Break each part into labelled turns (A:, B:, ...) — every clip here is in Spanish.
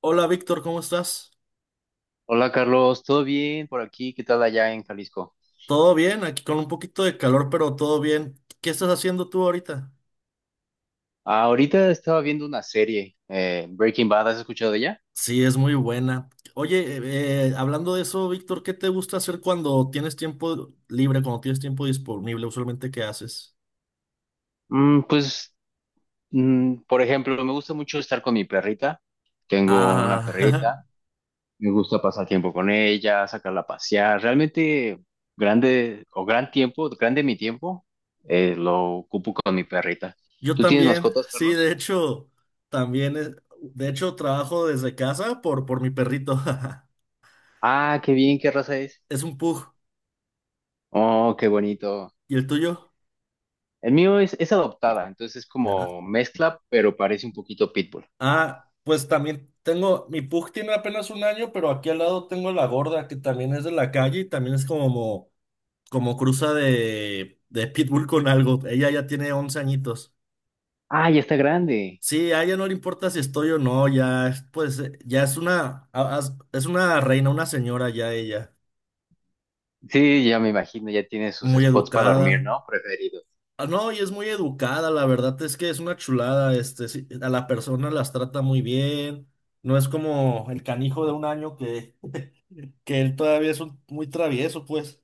A: Hola Víctor, ¿cómo estás?
B: Hola Carlos, ¿todo bien por aquí? ¿Qué tal allá en Jalisco?
A: ¿Todo bien? Aquí con un poquito de calor, pero todo bien. ¿Qué estás haciendo tú ahorita?
B: Ah, ahorita estaba viendo una serie, Breaking Bad, ¿has escuchado de ella?
A: Sí, es muy buena. Oye, hablando de eso, Víctor, ¿qué te gusta hacer cuando tienes tiempo libre, cuando tienes tiempo disponible? Usualmente, ¿qué haces?
B: Mm, pues, por ejemplo, me gusta mucho estar con mi perrita. Tengo una perrita,
A: Ah,
B: me gusta pasar tiempo con ella, sacarla a pasear. Realmente, grande o gran tiempo, grande mi tiempo, lo ocupo con mi perrita.
A: yo
B: ¿Tú tienes
A: también,
B: mascotas,
A: sí, de
B: Carlos?
A: hecho, también, de hecho, trabajo desde casa por mi perrito.
B: Ah, qué bien, ¿qué raza es?
A: Es un pug.
B: Oh, qué bonito.
A: ¿Y el tuyo?
B: El mío es adoptada, entonces es como mezcla, pero parece un poquito pitbull.
A: Ah, pues también tengo, mi pug tiene apenas un año, pero aquí al lado tengo la gorda, que también es de la calle y también es como, como cruza de pitbull con algo. Ella ya tiene 11 añitos.
B: Ah, ya está grande.
A: Sí, a ella no le importa si estoy o no, ya, es, pues, ya es una reina, una señora ya ella,
B: Sí, ya me imagino, ya tiene sus
A: muy
B: spots para dormir,
A: educada.
B: ¿no? Preferido.
A: Ah, no, y es muy educada, la verdad es que es una chulada, este, sí, a la persona las trata muy bien, no es como el canijo de un año que él todavía muy travieso, pues.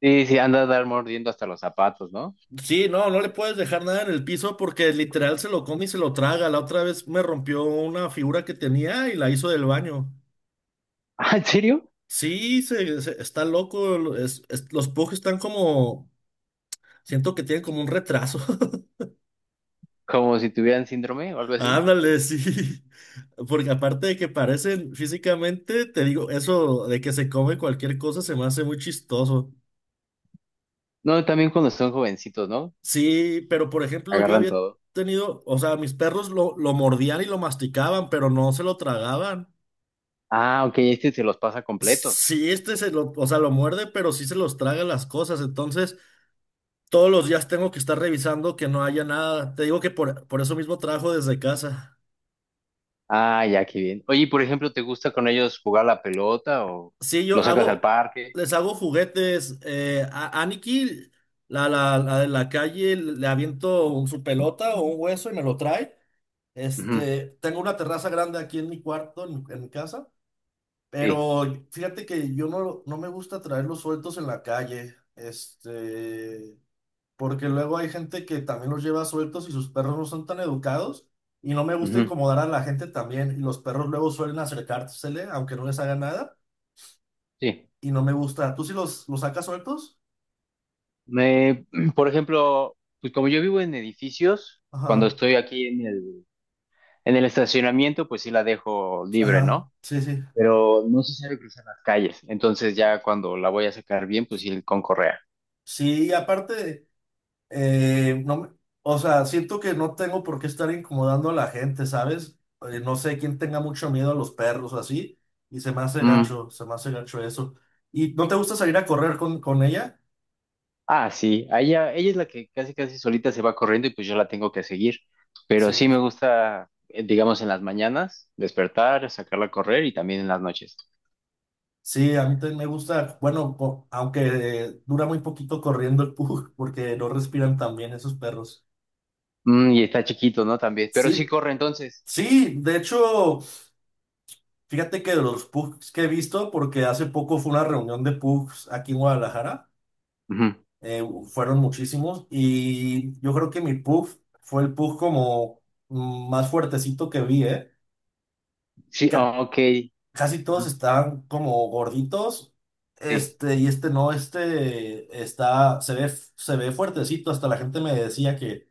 B: Sí, sí, anda a dar mordiendo hasta los zapatos, ¿no?
A: Sí, no, no le puedes dejar nada en el piso porque literal se lo come y se lo traga. La otra vez me rompió una figura que tenía y la hizo del baño.
B: Ah, ¿en serio?
A: Sí, está loco. Los pugs están como, siento que tienen como un retraso.
B: Como si tuvieran síndrome o algo así.
A: Ándale, sí. Porque aparte de que parecen físicamente, te digo, eso de que se come cualquier cosa se me hace muy chistoso.
B: No, también cuando son jovencitos, ¿no?
A: Sí, pero por ejemplo, yo
B: Agarran
A: había
B: todo.
A: tenido, o sea, mis perros lo mordían y lo masticaban, pero no se lo tragaban.
B: Ah, ok, este se los pasa completos.
A: Sí, este se lo, o sea, lo muerde, pero sí se los traga las cosas. Entonces, todos los días tengo que estar revisando que no haya nada. Te digo que por eso mismo trabajo desde casa.
B: Ah, ya, qué bien. Oye, y por ejemplo, ¿te gusta con ellos jugar la pelota o
A: Sí, yo
B: lo sacas al
A: hago,
B: parque?
A: les hago juguetes. A Aniki, la de la calle, le aviento su pelota o un hueso y me lo trae.
B: Ujú,
A: Este, tengo una terraza grande aquí en mi cuarto, en mi casa.
B: sí,
A: Pero fíjate que yo no, no me gusta traerlos sueltos en la calle, este, porque luego hay gente que también los lleva sueltos y sus perros no son tan educados y no me gusta
B: ujú,
A: incomodar a la gente también y los perros luego suelen acercársele aunque no les haga nada
B: sí.
A: y no me gusta. ¿Tú sí los sacas sueltos?
B: Me, por ejemplo, pues como yo vivo en edificios, cuando
A: Ajá,
B: estoy aquí en el estacionamiento, pues sí la dejo libre, ¿no?
A: ajá, sí, sí.
B: Pero no se sabe cruzar las calles. Entonces ya cuando la voy a sacar bien, pues sí con correa.
A: Sí, y aparte no, o sea, siento que no tengo por qué estar incomodando a la gente, ¿sabes? No sé quién tenga mucho miedo a los perros o así, y se me hace
B: Mm.
A: gacho, se me hace gacho eso. ¿Y no te gusta salir a correr con ella?
B: Ah, sí. a Ella, es la que casi casi solita se va corriendo y pues yo la tengo que seguir. Pero
A: Sí,
B: sí me
A: pues.
B: gusta, digamos, en las mañanas, despertar, sacarla a correr y también en las noches.
A: Sí, a mí también me gusta, bueno, aunque dura muy poquito corriendo el pug, porque no respiran tan bien esos perros.
B: Mm, y está chiquito, ¿no? También. Pero sí
A: Sí,
B: corre entonces.
A: sí, de hecho, fíjate que de los pugs que he visto, porque hace poco fue una reunión de pugs aquí en Guadalajara.
B: Ujú.
A: eh, Fueron muchísimos y yo creo que mi puff fue el puff como más fuertecito que vi, ¿eh?
B: Sí,
A: Ca-
B: ah, ok. Ujú,
A: Casi todos estaban como gorditos,
B: sí.
A: este y este no, este está, se ve fuertecito, hasta la gente me decía que,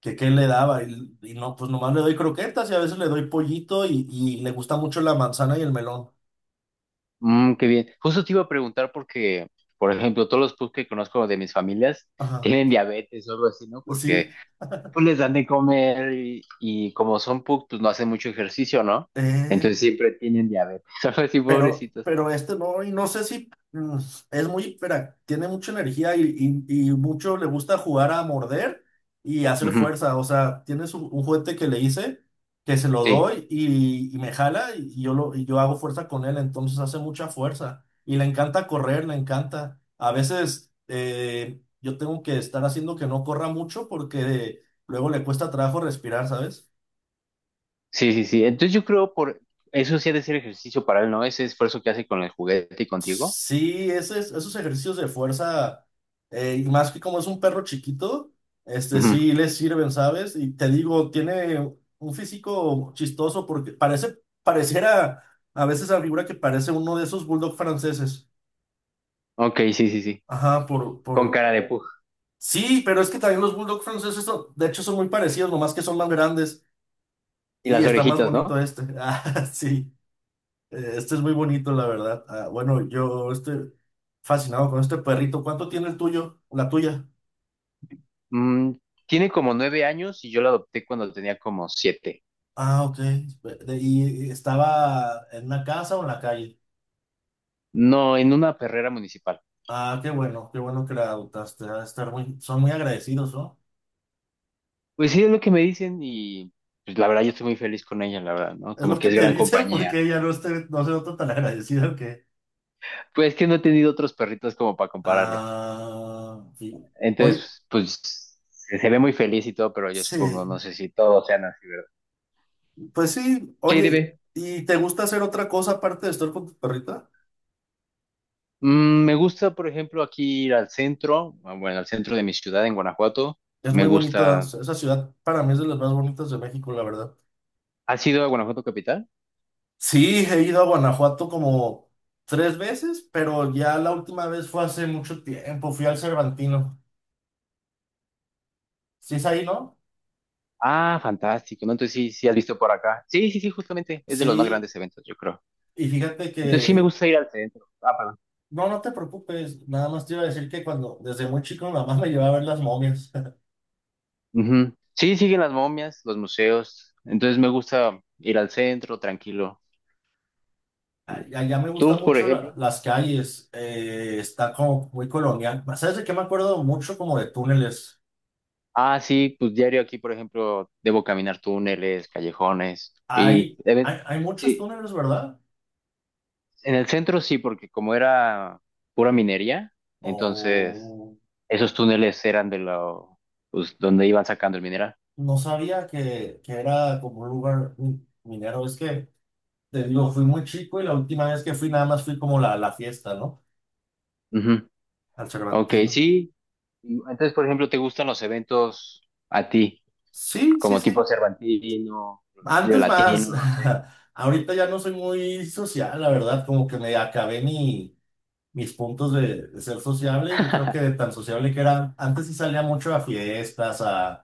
A: que qué le daba y no, pues nomás le doy croquetas y a veces le doy pollito y le gusta mucho la manzana y el melón.
B: Mm, qué bien. Justo te iba a preguntar porque, por ejemplo, todos los pubs que conozco de mis familias
A: Ajá,
B: tienen diabetes o algo así, ¿no?
A: sí.
B: Porque pues les dan de comer y, como son pubs, pues no hacen mucho ejercicio, ¿no?
A: Eh,
B: Entonces siempre tienen diabetes, algo así,
A: Pero,
B: pobrecitos.
A: pero este no, y no sé si es muy, tiene mucha energía y, y mucho le gusta jugar a morder y hacer
B: Ujú.
A: fuerza. O sea, tienes un juguete que le hice, que se lo
B: Sí,
A: doy y me jala y yo hago fuerza con él, entonces hace mucha fuerza. Y le encanta correr, le encanta. A veces yo tengo que estar haciendo que no corra mucho porque luego le cuesta trabajo respirar, ¿sabes?
B: sí, sí, sí. Entonces yo creo por eso sí ha de ser ejercicio para él, ¿no? Ese esfuerzo que hace con el juguete y contigo.
A: Sí, esos ejercicios de fuerza, y más que como es un perro chiquito, este
B: Ujú.
A: sí les sirven, ¿sabes? Y te digo, tiene un físico chistoso porque parece, pareciera a veces la figura que parece uno de esos bulldog franceses.
B: Ok, sí, sí, sí.
A: Ajá,
B: Con cara de pug.
A: Sí, pero es que también los bulldog franceses, de hecho, son muy parecidos, nomás que son más grandes
B: Y
A: y
B: las
A: está más
B: orejitas,
A: bonito
B: ¿no?
A: este. Ah, sí. Este es muy bonito, la verdad. Ah, bueno, yo estoy fascinado con este perrito. ¿Cuánto tiene el tuyo? La tuya.
B: Mm, tiene como 9 años y yo la adopté cuando tenía como 7.
A: Ah, ok. ¿Y estaba en una casa o en la calle?
B: No, en una perrera municipal.
A: Ah, qué bueno que la adoptaste. Ha de estar muy, son muy agradecidos, ¿no?
B: Pues sí, es lo que me dicen y pues la verdad yo estoy muy feliz con ella, la verdad, ¿no?
A: Es
B: Como
A: lo que
B: que es
A: te
B: gran
A: dicen
B: compañía.
A: porque ella no, esté, no se nota tan agradecida que.
B: Pues que no he tenido otros perritos como para compararlo.
A: Ah, sí. Oye,
B: Entonces, se ve muy feliz y todo, pero yo supongo, no
A: sí,
B: sé si todos sean así, ¿verdad?
A: pues sí,
B: Sí,
A: oye,
B: dime.
A: ¿y te gusta hacer otra cosa aparte de estar con tu perrita?
B: Mm, me gusta, por ejemplo, aquí ir al centro, ah, bueno, al centro de mi ciudad en Guanajuato.
A: Es
B: Me
A: muy bonita,
B: gusta.
A: esa ciudad para mí es de las más bonitas de México, la verdad.
B: ¿Has ido a Guanajuato Capital?
A: Sí, he ido a Guanajuato como tres veces, pero ya la última vez fue hace mucho tiempo, fui al Cervantino. ¿Sí es ahí, no?
B: Ah, fantástico, ¿no? Entonces sí, sí has visto por acá. Sí, sí, sí, justamente es de los más
A: Sí,
B: grandes eventos, yo creo.
A: y fíjate
B: Entonces sí me
A: que,
B: gusta ir al centro.
A: no, no te preocupes, nada más te iba a decir que cuando, desde muy chico, mi mamá me llevaba a ver las momias.
B: Ujú. Sí, siguen las momias, los museos. Entonces me gusta ir al centro, tranquilo.
A: Allá me gustan
B: ¿Tú, por
A: mucho
B: ejemplo?
A: las calles, está como muy colonial. ¿Sabes de qué me acuerdo mucho? Como de túneles.
B: Ah, sí, pues diario aquí, por ejemplo, debo caminar túneles, callejones.
A: Hay, hay, hay muchos
B: Sí,
A: túneles, ¿verdad?
B: en el centro sí, porque como era pura minería, entonces
A: Oh,
B: esos túneles eran donde iban sacando el mineral.
A: no sabía que era como un lugar minero. Es que, te digo, fui muy chico y la última vez que fui nada más fui como la fiesta, ¿no?
B: Ujú.
A: Al
B: Ok,
A: Cervantino.
B: sí. Y entonces, por ejemplo, ¿te gustan los eventos a ti?
A: Sí, sí,
B: Como tipo
A: sí.
B: Cervantino, Vive
A: Antes más.
B: Latino, no sé.
A: Ahorita ya no soy muy social, la verdad. Como que me acabé mi, mis puntos de ser sociable. Yo creo que de tan sociable que era. Antes sí salía mucho a fiestas. A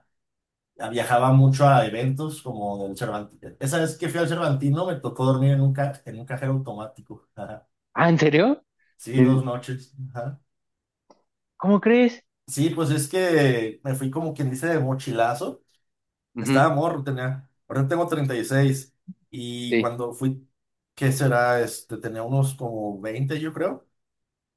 A: Viajaba mucho a eventos como del Cervantino. Esa vez que fui al Cervantino me tocó dormir en un cajero automático. Ajá.
B: Ah, ¿en serio?
A: Sí, dos
B: ¿En-
A: noches. Ajá.
B: ¿Cómo crees?
A: Sí, pues es que me fui como quien dice de mochilazo.
B: Ujú,
A: Estaba morro, tenía. Ahora tengo treinta y seis y
B: sí,
A: cuando fui, ¿qué será? Este, tenía unos como 20 yo creo.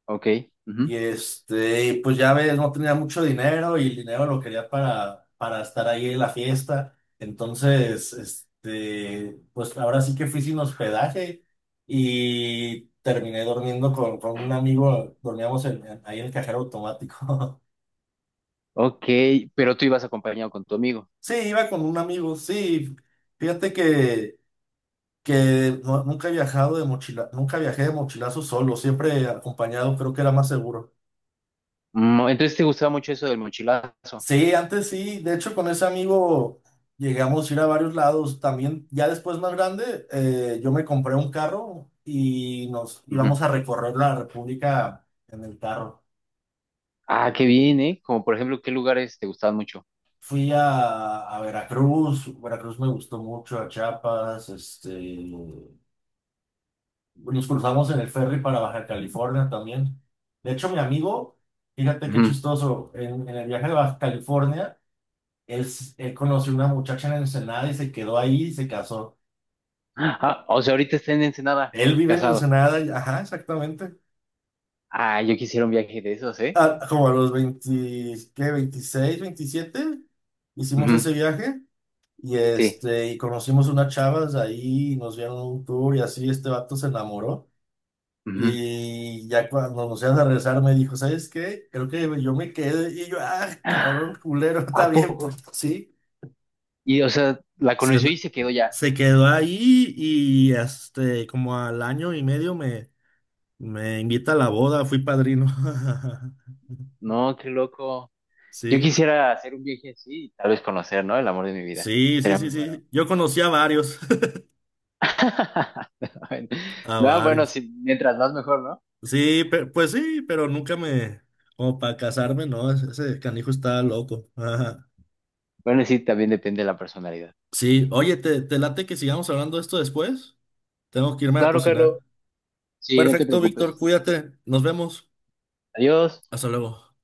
B: ok. Ujú,
A: Y este, y pues ya ves, no tenía mucho dinero y el dinero lo quería para estar ahí en la fiesta. Entonces, este, pues ahora sí que fui sin hospedaje y terminé durmiendo con un amigo, dormíamos ahí en el cajero automático.
B: ok, pero tú ibas acompañado con tu amigo.
A: Sí, iba con un amigo, sí. Fíjate que, nunca he viajado de mochila, nunca viajé de mochilazo solo, siempre acompañado, creo que era más seguro.
B: Mm, entonces te gustaba mucho eso del mochilazo.
A: Sí, antes sí, de hecho con ese amigo llegamos a ir a varios lados, también ya después más grande yo me compré un carro y nos
B: Ujú.
A: íbamos a recorrer la República en el carro.
B: Ah, qué bien, ¿eh? Como por ejemplo, ¿qué lugares te gustaban mucho?
A: Fui a Veracruz. Veracruz me gustó mucho, a Chiapas, este, nos cruzamos en el ferry para Baja California también. De hecho mi amigo, fíjate qué
B: Ujú.
A: chistoso, en el viaje de Baja California, él conoció una muchacha en Ensenada y se quedó ahí y se casó.
B: Ah, o sea, ahorita está en Ensenada,
A: Él vive en
B: casado.
A: Ensenada, ajá, exactamente.
B: Ah, yo quisiera un viaje de esos, ¿eh?
A: Ah, como a los 20, ¿qué? 26, 27 hicimos ese
B: Ujú,
A: viaje y,
B: sí.
A: este, y conocimos unas chavas ahí, nos dieron un tour y así este vato se enamoró.
B: Ujú.
A: Y ya cuando nos íbamos a regresar me dijo, ¿sabes qué? Creo que yo me quedé y yo, ah, cabrón, culero,
B: ¿A
A: está bien,
B: poco?
A: pues sí.
B: Y, o sea, la
A: Se,
B: conoció y se quedó ya.
A: se quedó ahí y este, como al año y medio me invita a la boda, fui padrino.
B: No, qué loco. Yo
A: Sí,
B: quisiera hacer un viaje así y tal vez conocer, ¿no? El amor de mi vida.
A: sí, sí,
B: Sería
A: sí,
B: muy bueno.
A: sí. Yo conocí a varios, a
B: No, bueno,
A: varios.
B: sí, mientras más mejor, ¿no?
A: Sí, pues sí, pero nunca me, como para casarme, no, ese canijo está loco. Ajá.
B: Bueno, sí, también depende de la personalidad.
A: Sí, oye, ¿te late que sigamos hablando de esto después? Tengo que irme a
B: Claro, Carlos.
A: cocinar.
B: Sí, no te
A: Perfecto, Víctor,
B: preocupes.
A: cuídate, nos vemos.
B: Adiós.
A: Hasta luego.